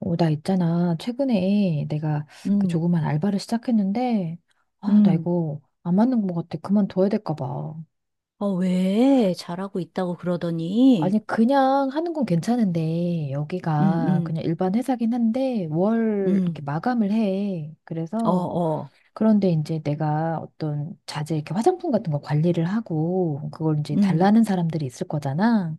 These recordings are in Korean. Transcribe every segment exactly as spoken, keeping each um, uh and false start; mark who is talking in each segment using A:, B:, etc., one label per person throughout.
A: 어, 나 있잖아. 최근에 내가 그
B: 음,
A: 조그만 알바를 시작했는데, 아, 나
B: 음.
A: 이거 안 맞는 것 같아. 그만둬야 될까 봐.
B: 어, 왜? 잘하고 있다고 그러더니.
A: 아니, 그냥 하는 건 괜찮은데,
B: 음,
A: 여기가
B: 음,
A: 그냥 일반 회사긴 한데, 월
B: 음.
A: 이렇게 마감을 해.
B: 어,
A: 그래서,
B: 어.
A: 그런데 이제 내가 어떤 자재, 이렇게 화장품 같은 거 관리를 하고, 그걸 이제
B: 음,
A: 달라는 사람들이 있을 거잖아.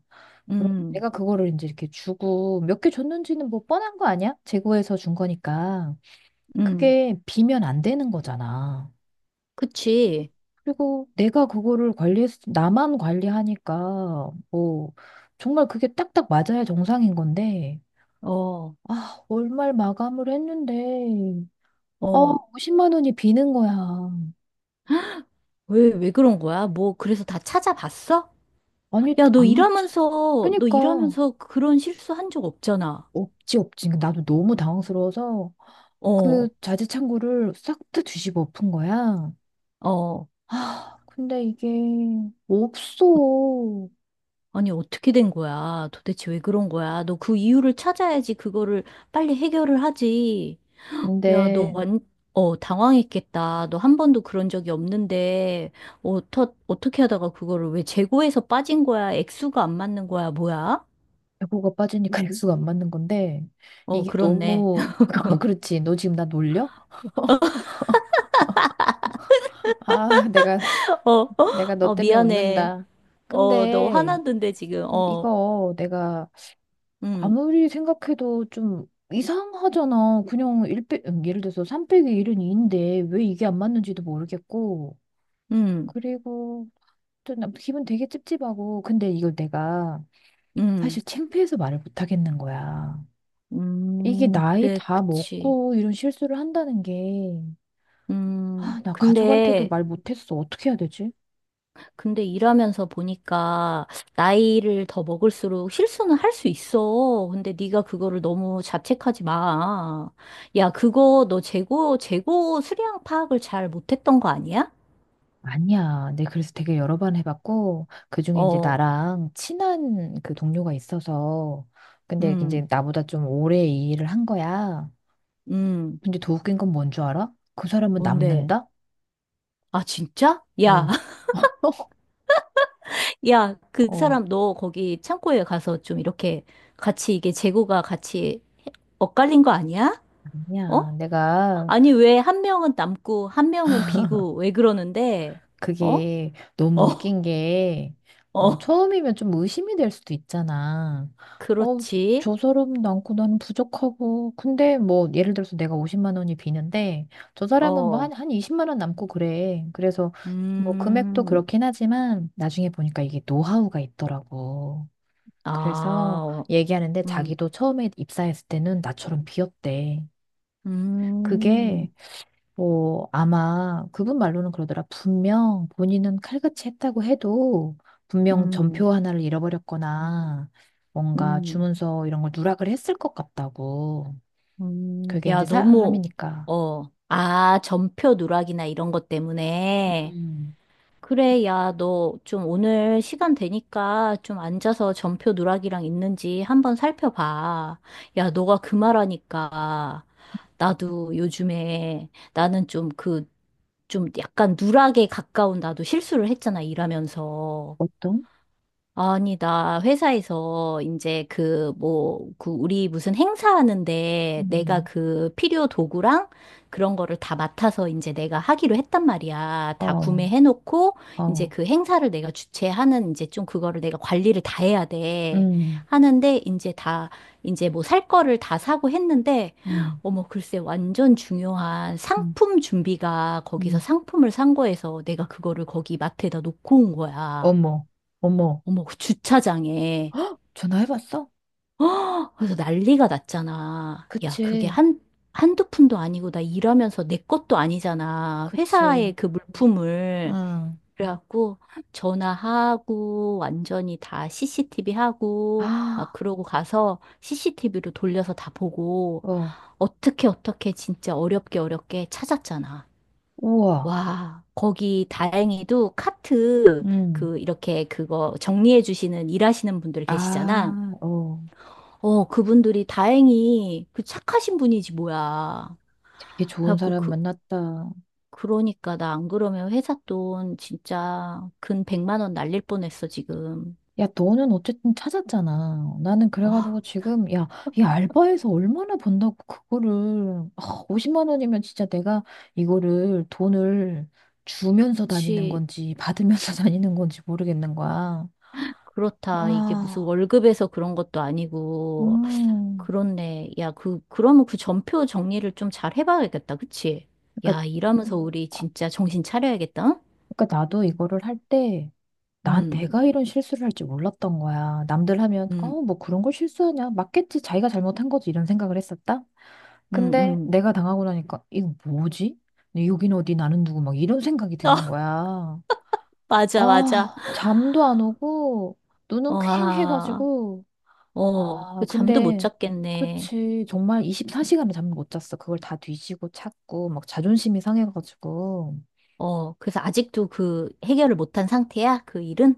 A: 그럼
B: 음,
A: 내가 그거를 이제 이렇게 주고, 몇 개 줬는지는 뭐 뻔한 거 아니야? 재고에서 준 거니까.
B: 음.
A: 그게 비면 안 되는 거잖아.
B: 그치.
A: 그리고 내가 그거를 관리했, 나만 관리하니까, 뭐, 정말 그게 딱딱 맞아야 정상인 건데,
B: 어,
A: 아, 월말 마감을 했는데, 어,
B: 어.
A: 오십만 원이 비는 거야.
B: 왜, 왜 그런 거야? 뭐, 그래서 다 찾아봤어?
A: 아니,
B: 야, 너
A: 아무리, 짜-
B: 일하면서, 너
A: 그니까,
B: 일하면서 그런 실수 한 적 없잖아.
A: 없지, 없지. 그러니까 나도 너무 당황스러워서
B: 어,
A: 그
B: 어.
A: 자재창고를 싹 다 뒤집어 엎은 거야.
B: 어,
A: 아, 근데 이게 없어.
B: 아니, 어떻게 된 거야? 도대체 왜 그런 거야? 너 그 이유를 찾아야지 그거를 빨리 해결을 하지. 야, 너
A: 근데
B: 완, 어, 당황했겠다. 너 한 번도 그런 적이 없는데, 어떠, 어떻게 하다가 그거를 왜 재고에서 빠진 거야? 액수가 안 맞는 거야? 뭐야?
A: 배고가 빠지니까 액수가 안 맞는 건데
B: 어,
A: 이게
B: 그렇네.
A: 너무 그렇지? 너 지금 나 놀려? 아, 내가
B: 어, 어,
A: 내가 너
B: 아,
A: 때문에
B: 미안해.
A: 웃는다.
B: 어, 너
A: 근데
B: 화났는데 지금, 어,
A: 이거 내가
B: 음,
A: 아무리 생각해도 좀 이상하잖아. 그냥 일 빼, 음, 예를 들어서 삼 빼기 일은 이인데 왜 이게 안 맞는지도 모르겠고,
B: 음,
A: 그리고 또 나- 기분 되게 찝찝하고, 근데 이걸 내가
B: 음,
A: 사실 창피해서 말을 못 하겠는 거야. 이게
B: 음,
A: 나이
B: 그래,
A: 다
B: 그치.
A: 먹고 이런 실수를 한다는 게.
B: 음,
A: 아, 나 가족한테도
B: 근데,
A: 말 못했어. 어떻게 해야 되지?
B: 근데 일하면서 보니까 나이를 더 먹을수록 실수는 할 수 있어. 근데 네가 그거를 너무 자책하지 마. 야, 그거 너 재고 재고 수량 파악을 잘 못했던 거 아니야?
A: 아니야. 내 그래서 되게 여러 번 해봤고, 그중에 이제
B: 어,
A: 나랑 친한 그 동료가 있어서, 근데 이제
B: 음,
A: 나보다 좀 오래 이 일을 한 거야.
B: 음,
A: 근데 더 웃긴 건 뭔 줄 알아? 그 사람은
B: 뭔데?
A: 남는다?
B: 아, 진짜? 야,
A: 응.
B: 야, 그
A: 어,
B: 사람 너 거기 창고에 가서 좀 이렇게 같이 이게 재고가 같이 엇갈린 거 아니야?
A: 아니야.
B: 어?
A: 내가
B: 아니, 왜 한 명은 남고 한 명은 비고 왜 그러는데? 어?
A: 그게 너무
B: 어?
A: 웃긴 게, 어,
B: 어,
A: 처음이면 좀 의심이 될 수도 있잖아. 어,
B: 그렇지.
A: 저 사람 많고 나는 부족하고. 근데 뭐, 예를 들어서 내가 오십만 원이 비는데, 저 사람은 뭐 한,
B: 어,
A: 한 이십만 원 남고 그래. 그래서 뭐, 금액도
B: 음,
A: 그렇긴 하지만, 나중에 보니까 이게 노하우가 있더라고.
B: 아,
A: 그래서
B: 어,
A: 얘기하는데
B: 음,
A: 자기도 처음에 입사했을 때는 나처럼 비었대. 그게
B: 음,
A: 뭐, 아마 그분 말로는 그러더라. 분명 본인은 칼같이 했다고 해도 분명
B: 음,
A: 전표 하나를 잃어버렸거나 뭔가
B: 음,
A: 주문서 이런 걸 누락을 했을 것 같다고.
B: 음.
A: 그게 이제
B: 야, 너무,
A: 사람이니까.
B: 어, 아, 전표 누락이나 이런 것 때문에.
A: 음,
B: 그래, 야, 너 좀 오늘 시간 되니까 좀 앉아서 전표 누락이랑 있는지 한번 살펴봐. 야, 너가 그 말하니까 나도 요즘에 나는 좀 그, 좀 약간 누락에 가까운 나도 실수를 했잖아, 일하면서.
A: 보통?
B: 아니, 나 회사에서 이제 그 뭐, 그 우리 무슨 행사하는데 내가
A: 음,
B: 그 필요 도구랑 그런 거를 다 맡아서 이제 내가 하기로 했단 말이야. 다
A: 어,
B: 구매해놓고 이제
A: 어,
B: 그 행사를 내가 주최하는 이제 좀 그거를 내가 관리를 다 해야 돼.
A: 음,
B: 하는데 이제 다 이제 뭐 살 거를 다 사고 했는데
A: 음,
B: 어머, 글쎄 완전 중요한
A: 음,
B: 상품 준비가 거기서
A: 음.
B: 상품을 산 거에서 내가 그거를 거기 마트에다 놓고 온 거야.
A: 어머, 어머.
B: 어머, 그 주차장에.
A: 헉, 전화해봤어?
B: 허! 그래서 난리가 났잖아. 야, 그게
A: 그치,
B: 한, 한두 푼도 아니고 나 일하면서 내 것도 아니잖아. 회사의
A: 그치,
B: 그 물품을.
A: 응.
B: 그래갖고 전화하고 완전히 다 씨씨티비 하고 막
A: 아,
B: 그러고 가서 씨씨티비로 돌려서 다 보고
A: 어,
B: 어떻게 어떻게 진짜 어렵게 어렵게 찾았잖아.
A: 우와,
B: 와, 거기 다행히도 카트
A: 음,
B: 그 이렇게 그거 정리해 주시는 일하시는 분들 계시잖아.
A: 아, 어.
B: 어, 그분들이 다행히 그 착하신 분이지 뭐야.
A: 되게 좋은
B: 그래갖고
A: 사람
B: 그,
A: 만났다.
B: 그러니까 나 안 그러면 회사 돈 진짜 근 백만 원 날릴 뻔했어, 지금.
A: 야, 너는 어쨌든 찾았잖아. 나는 그래가지고
B: 아,
A: 지금, 야, 이 알바에서 얼마나 번다고 그거를, 아, 오십만 원이면 진짜 내가 이거를 돈을 주면서 다니는
B: 그치.
A: 건지 받으면서 다니는 건지 모르겠는 거야.
B: 그렇다. 이게 무슨
A: 아,
B: 월급에서 그런 것도 아니고.
A: 음.
B: 그렇네. 야, 그, 그러면 그 전표 정리를 좀 잘 해봐야겠다. 그치?
A: 그러니까
B: 야, 일하면서 음. 우리 진짜 정신 차려야겠다.
A: 그러니까 나도 이거를 할 때, 난
B: 응?
A: 내가 이런 실수를 할 줄 몰랐던 거야. 남들 하면,
B: 음, 음,
A: 어, 뭐 그런 걸 실수하냐? 맞겠지. 자기가 잘못한 거지. 이런 생각을 했었다.
B: 음,
A: 근데
B: 음.
A: 내가 당하고 나니까, 이거 뭐지? 여긴 어디, 나는 누구, 막 이런 생각이 드는
B: 어,
A: 거야.
B: 맞아, 맞아.
A: 아, 잠도 안 오고, 눈은
B: 와.
A: 퀭해가지고,
B: 어,
A: 아,
B: 그 잠도 못
A: 근데,
B: 잤겠네.
A: 그치. 정말 이십사 시간을 잠을 못 잤어. 그걸 다 뒤지고 찾고, 막 자존심이 상해가지고.
B: 어, 그래서 아직도 그 해결을 못한 상태야? 그 일은?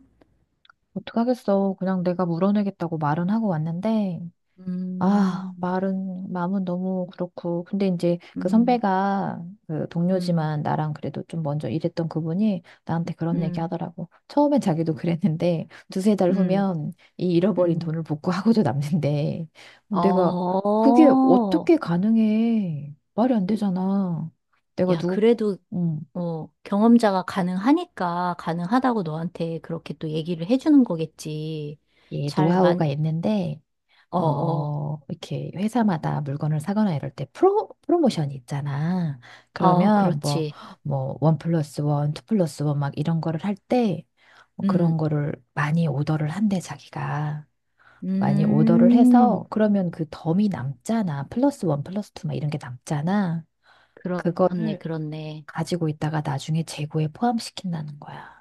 A: 어떡하겠어. 그냥 내가 물어내겠다고 말은 하고 왔는데, 아,
B: 음,
A: 말은, 마음은 너무 그렇고. 근데 이제 그
B: 음,
A: 선배가, 그
B: 음,
A: 동료지만 나랑 그래도 좀 먼저 일했던 그분이 나한테 그런 얘기
B: 음,
A: 하더라고. 처음엔 자기도 그랬는데, 두세 달
B: 음,
A: 후면 이 잃어버린
B: 음.
A: 돈을 복구하고도 남는데, 내가 그게
B: 어,
A: 어떻게 가능해? 말이 안 되잖아. 내가
B: 야,
A: 누구,
B: 그래도,
A: 음,
B: 어, 경험자가 가능하니까, 가능하다고 너한테 그렇게 또 얘기를 해주는 거겠지.
A: 예,
B: 잘 만,
A: 노하우가 있는데,
B: 어, 어,
A: 어, 이렇게 회사마다 물건을 사거나 이럴 때 프로, 프로모션이 있잖아.
B: 어,
A: 그러면 뭐,
B: 그렇지.
A: 뭐, 원 플러스 원, 투 플러스 원 막 이런 거를 할 때, 뭐 그런
B: 음,
A: 거를 많이 오더를 한대, 자기가. 많이 오더를 해서,
B: 음,
A: 그러면 그 덤이 남잖아. 플러스 원, 플러스 투 막 이런 게 남잖아.
B: 그렇네,
A: 그거를
B: 그렇네.
A: 가지고 있다가 나중에 재고에 포함시킨다는 거야.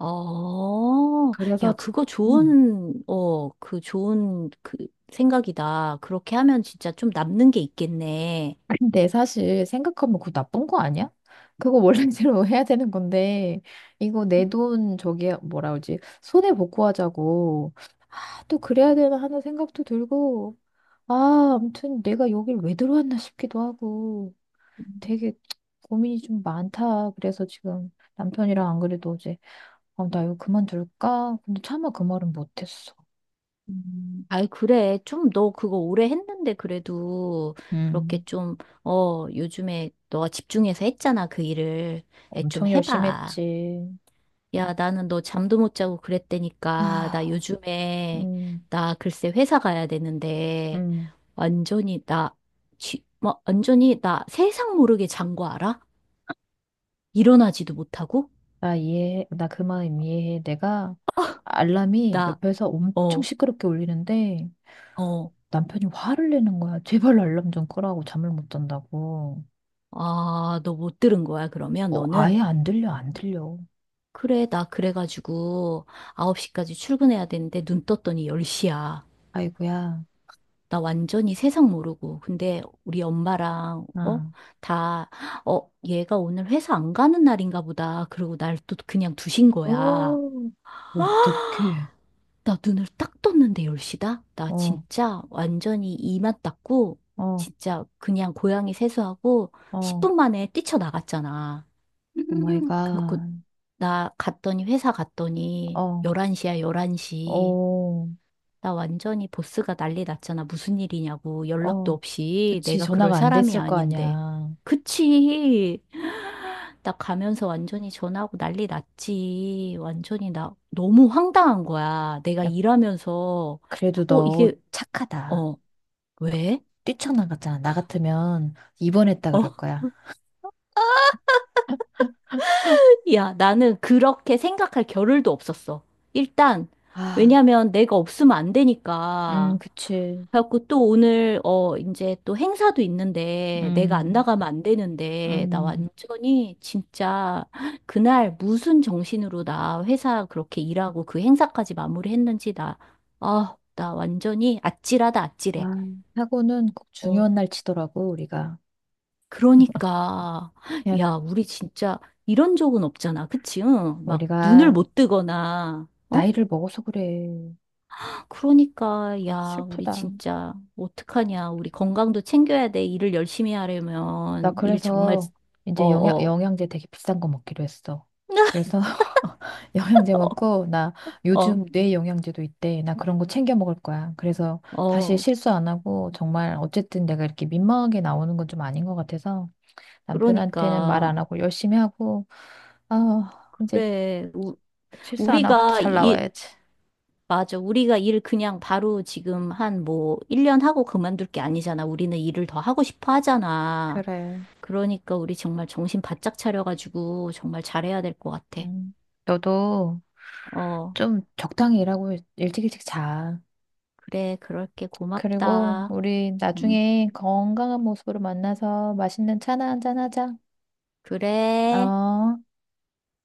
B: 어,
A: 그래서,
B: 야,
A: 진-
B: 그거
A: 음.
B: 좋은, 어, 그 좋은 그 생각이다. 그렇게 하면 진짜 좀 남는 게 있겠네.
A: 근데 사실 생각하면 그거 나쁜 거 아니야? 그거 원래대로 해야 되는 건데, 이거 내 돈 저기 뭐라 그러지? 손해 보고 하자고, 아, 또 그래야 되나 하는 생각도 들고, 아, 아무튼 내가 여길 왜 들어왔나 싶기도 하고. 되게 고민이 좀 많다. 그래서 지금 남편이랑 안 그래도 어제 어, 나 이거 그만둘까? 근데 차마 그 말은 못했어.
B: 음. 아이, 그래. 좀 너 그거 오래 했는데 그래도 그렇게
A: 음.
B: 좀, 어, 요즘에 너가 집중해서 했잖아. 그 일을. 에, 좀
A: 엄청 열심히
B: 해봐.
A: 했지.
B: 야, 나는 너 잠도 못 자고 그랬다니까. 나
A: 아.
B: 요즘에,
A: 음,
B: 나 글쎄 회사 가야 되는데,
A: 음.
B: 완전히 나, 쥐, 뭐, 완전히 나 세상 모르게 잔 거 알아? 일어나지도 못하고?
A: 나 이해해. 나 그 마음 이해해. 내가 알람이
B: 나,
A: 옆에서 엄청
B: 어,
A: 시끄럽게 울리는데
B: 어,
A: 남편이 화를 내는 거야. 제발 알람 좀 끄라고, 잠을 못 잔다고.
B: 아, 너 못 들은 거야, 그러면
A: 어,
B: 너는?
A: 아예 안 들려, 안 들려.
B: 그래, 나 그래가지고 아홉 시까지 출근해야 되는데 눈 떴더니 열 시야.
A: 아이고야.
B: 나 완전히 세상 모르고. 근데 우리 엄마랑, 어?
A: 아.
B: 다, 어, 얘가 오늘 회사 안 가는 날인가 보다. 그러고 날 또 그냥 두신 거야.
A: 어, 어떡해.
B: 나 눈을 딱 떴는데 열 시다? 나
A: 어,
B: 진짜 완전히 이만 닦고,
A: 어,
B: 진짜 그냥 고양이 세수하고
A: 어.
B: 십 분 만에 뛰쳐나갔잖아.
A: 오 마이
B: 음, 그렇고,
A: 갓.
B: 나 갔더니, 회사 갔더니
A: 어,
B: 열한 시야, 열한 시.
A: 어,
B: 나 완전히 보스가 난리 났잖아. 무슨 일이냐고. 연락도
A: 어.
B: 없이.
A: 그치,
B: 내가 그럴
A: 전화가 안
B: 사람이
A: 됐을 거
B: 아닌데.
A: 아니야.
B: 그치? 나 가면서 완전히 전화하고 난리 났지. 완전히 나 너무 황당한 거야. 내가
A: 야,
B: 일하면서,
A: 그래도
B: 어,
A: 너
B: 이게,
A: 착하다.
B: 어, 왜?
A: 뛰쳐나갔잖아. 나 같으면 입원했다 그럴
B: 어?
A: 거야.
B: 야, 나는 그렇게 생각할 겨를도 없었어. 일단,
A: 아,
B: 왜냐면 내가 없으면 안
A: 음,
B: 되니까.
A: 그치.
B: 그래갖고 또 오늘, 어, 이제 또 행사도 있는데, 내가 안
A: 음,
B: 나가면 안 되는데, 나
A: 음.
B: 완전히 진짜 그날 무슨 정신으로 나 회사 그렇게 일하고 그 행사까지 마무리했는지 나, 아, 나 완전히 아찔하다, 아찔해.
A: 아, 사고는 꼭
B: 어,
A: 중요한 날 치더라고, 우리가.
B: 그러니까,
A: 야,
B: 야, 우리 진짜 이런 적은 없잖아. 그치? 응? 막 눈을
A: 우리가
B: 못 뜨거나, 어?
A: 나이를 먹어서 그래.
B: 그러니까, 야, 우리
A: 슬프다.
B: 진짜 어떡하냐. 우리 건강도 챙겨야 돼. 일을 열심히
A: 나
B: 하려면. 일 정말,
A: 그래서
B: 어,
A: 이제 영양,
B: 어.
A: 영양제 되게 비싼 거 먹기로 했어. 그래서 영양제 먹고, 나
B: 어,
A: 요즘 뇌 영양제도 있대. 나 그런 거 챙겨 먹을 거야. 그래서 다시
B: 어,
A: 실수 안 하고, 정말 어쨌든 내가 이렇게 민망하게 나오는 건 좀 아닌 것 같아서 남편한테는 말
B: 그러니까.
A: 안 하고 열심히 하고, 아, 이제
B: 그래, 우,
A: 실수 안 하고
B: 우리가
A: 잘
B: 일,
A: 나와야지.
B: 맞아. 우리가 일 그냥 바로 지금 한 뭐, 일 년 하고 그만둘 게 아니잖아. 우리는 일을 더 하고 싶어 하잖아.
A: 그래.
B: 그러니까 우리 정말 정신 바짝 차려가지고 정말 잘해야 될 것 같아.
A: 음. 너도
B: 어,
A: 좀 적당히 일하고 일- 일찍 일찍 자.
B: 그래, 그럴게.
A: 그리고
B: 고맙다.
A: 우리
B: 음,
A: 나중에 건강한 모습으로 만나서 맛있는 차나 한잔 하자.
B: 그래.
A: 어.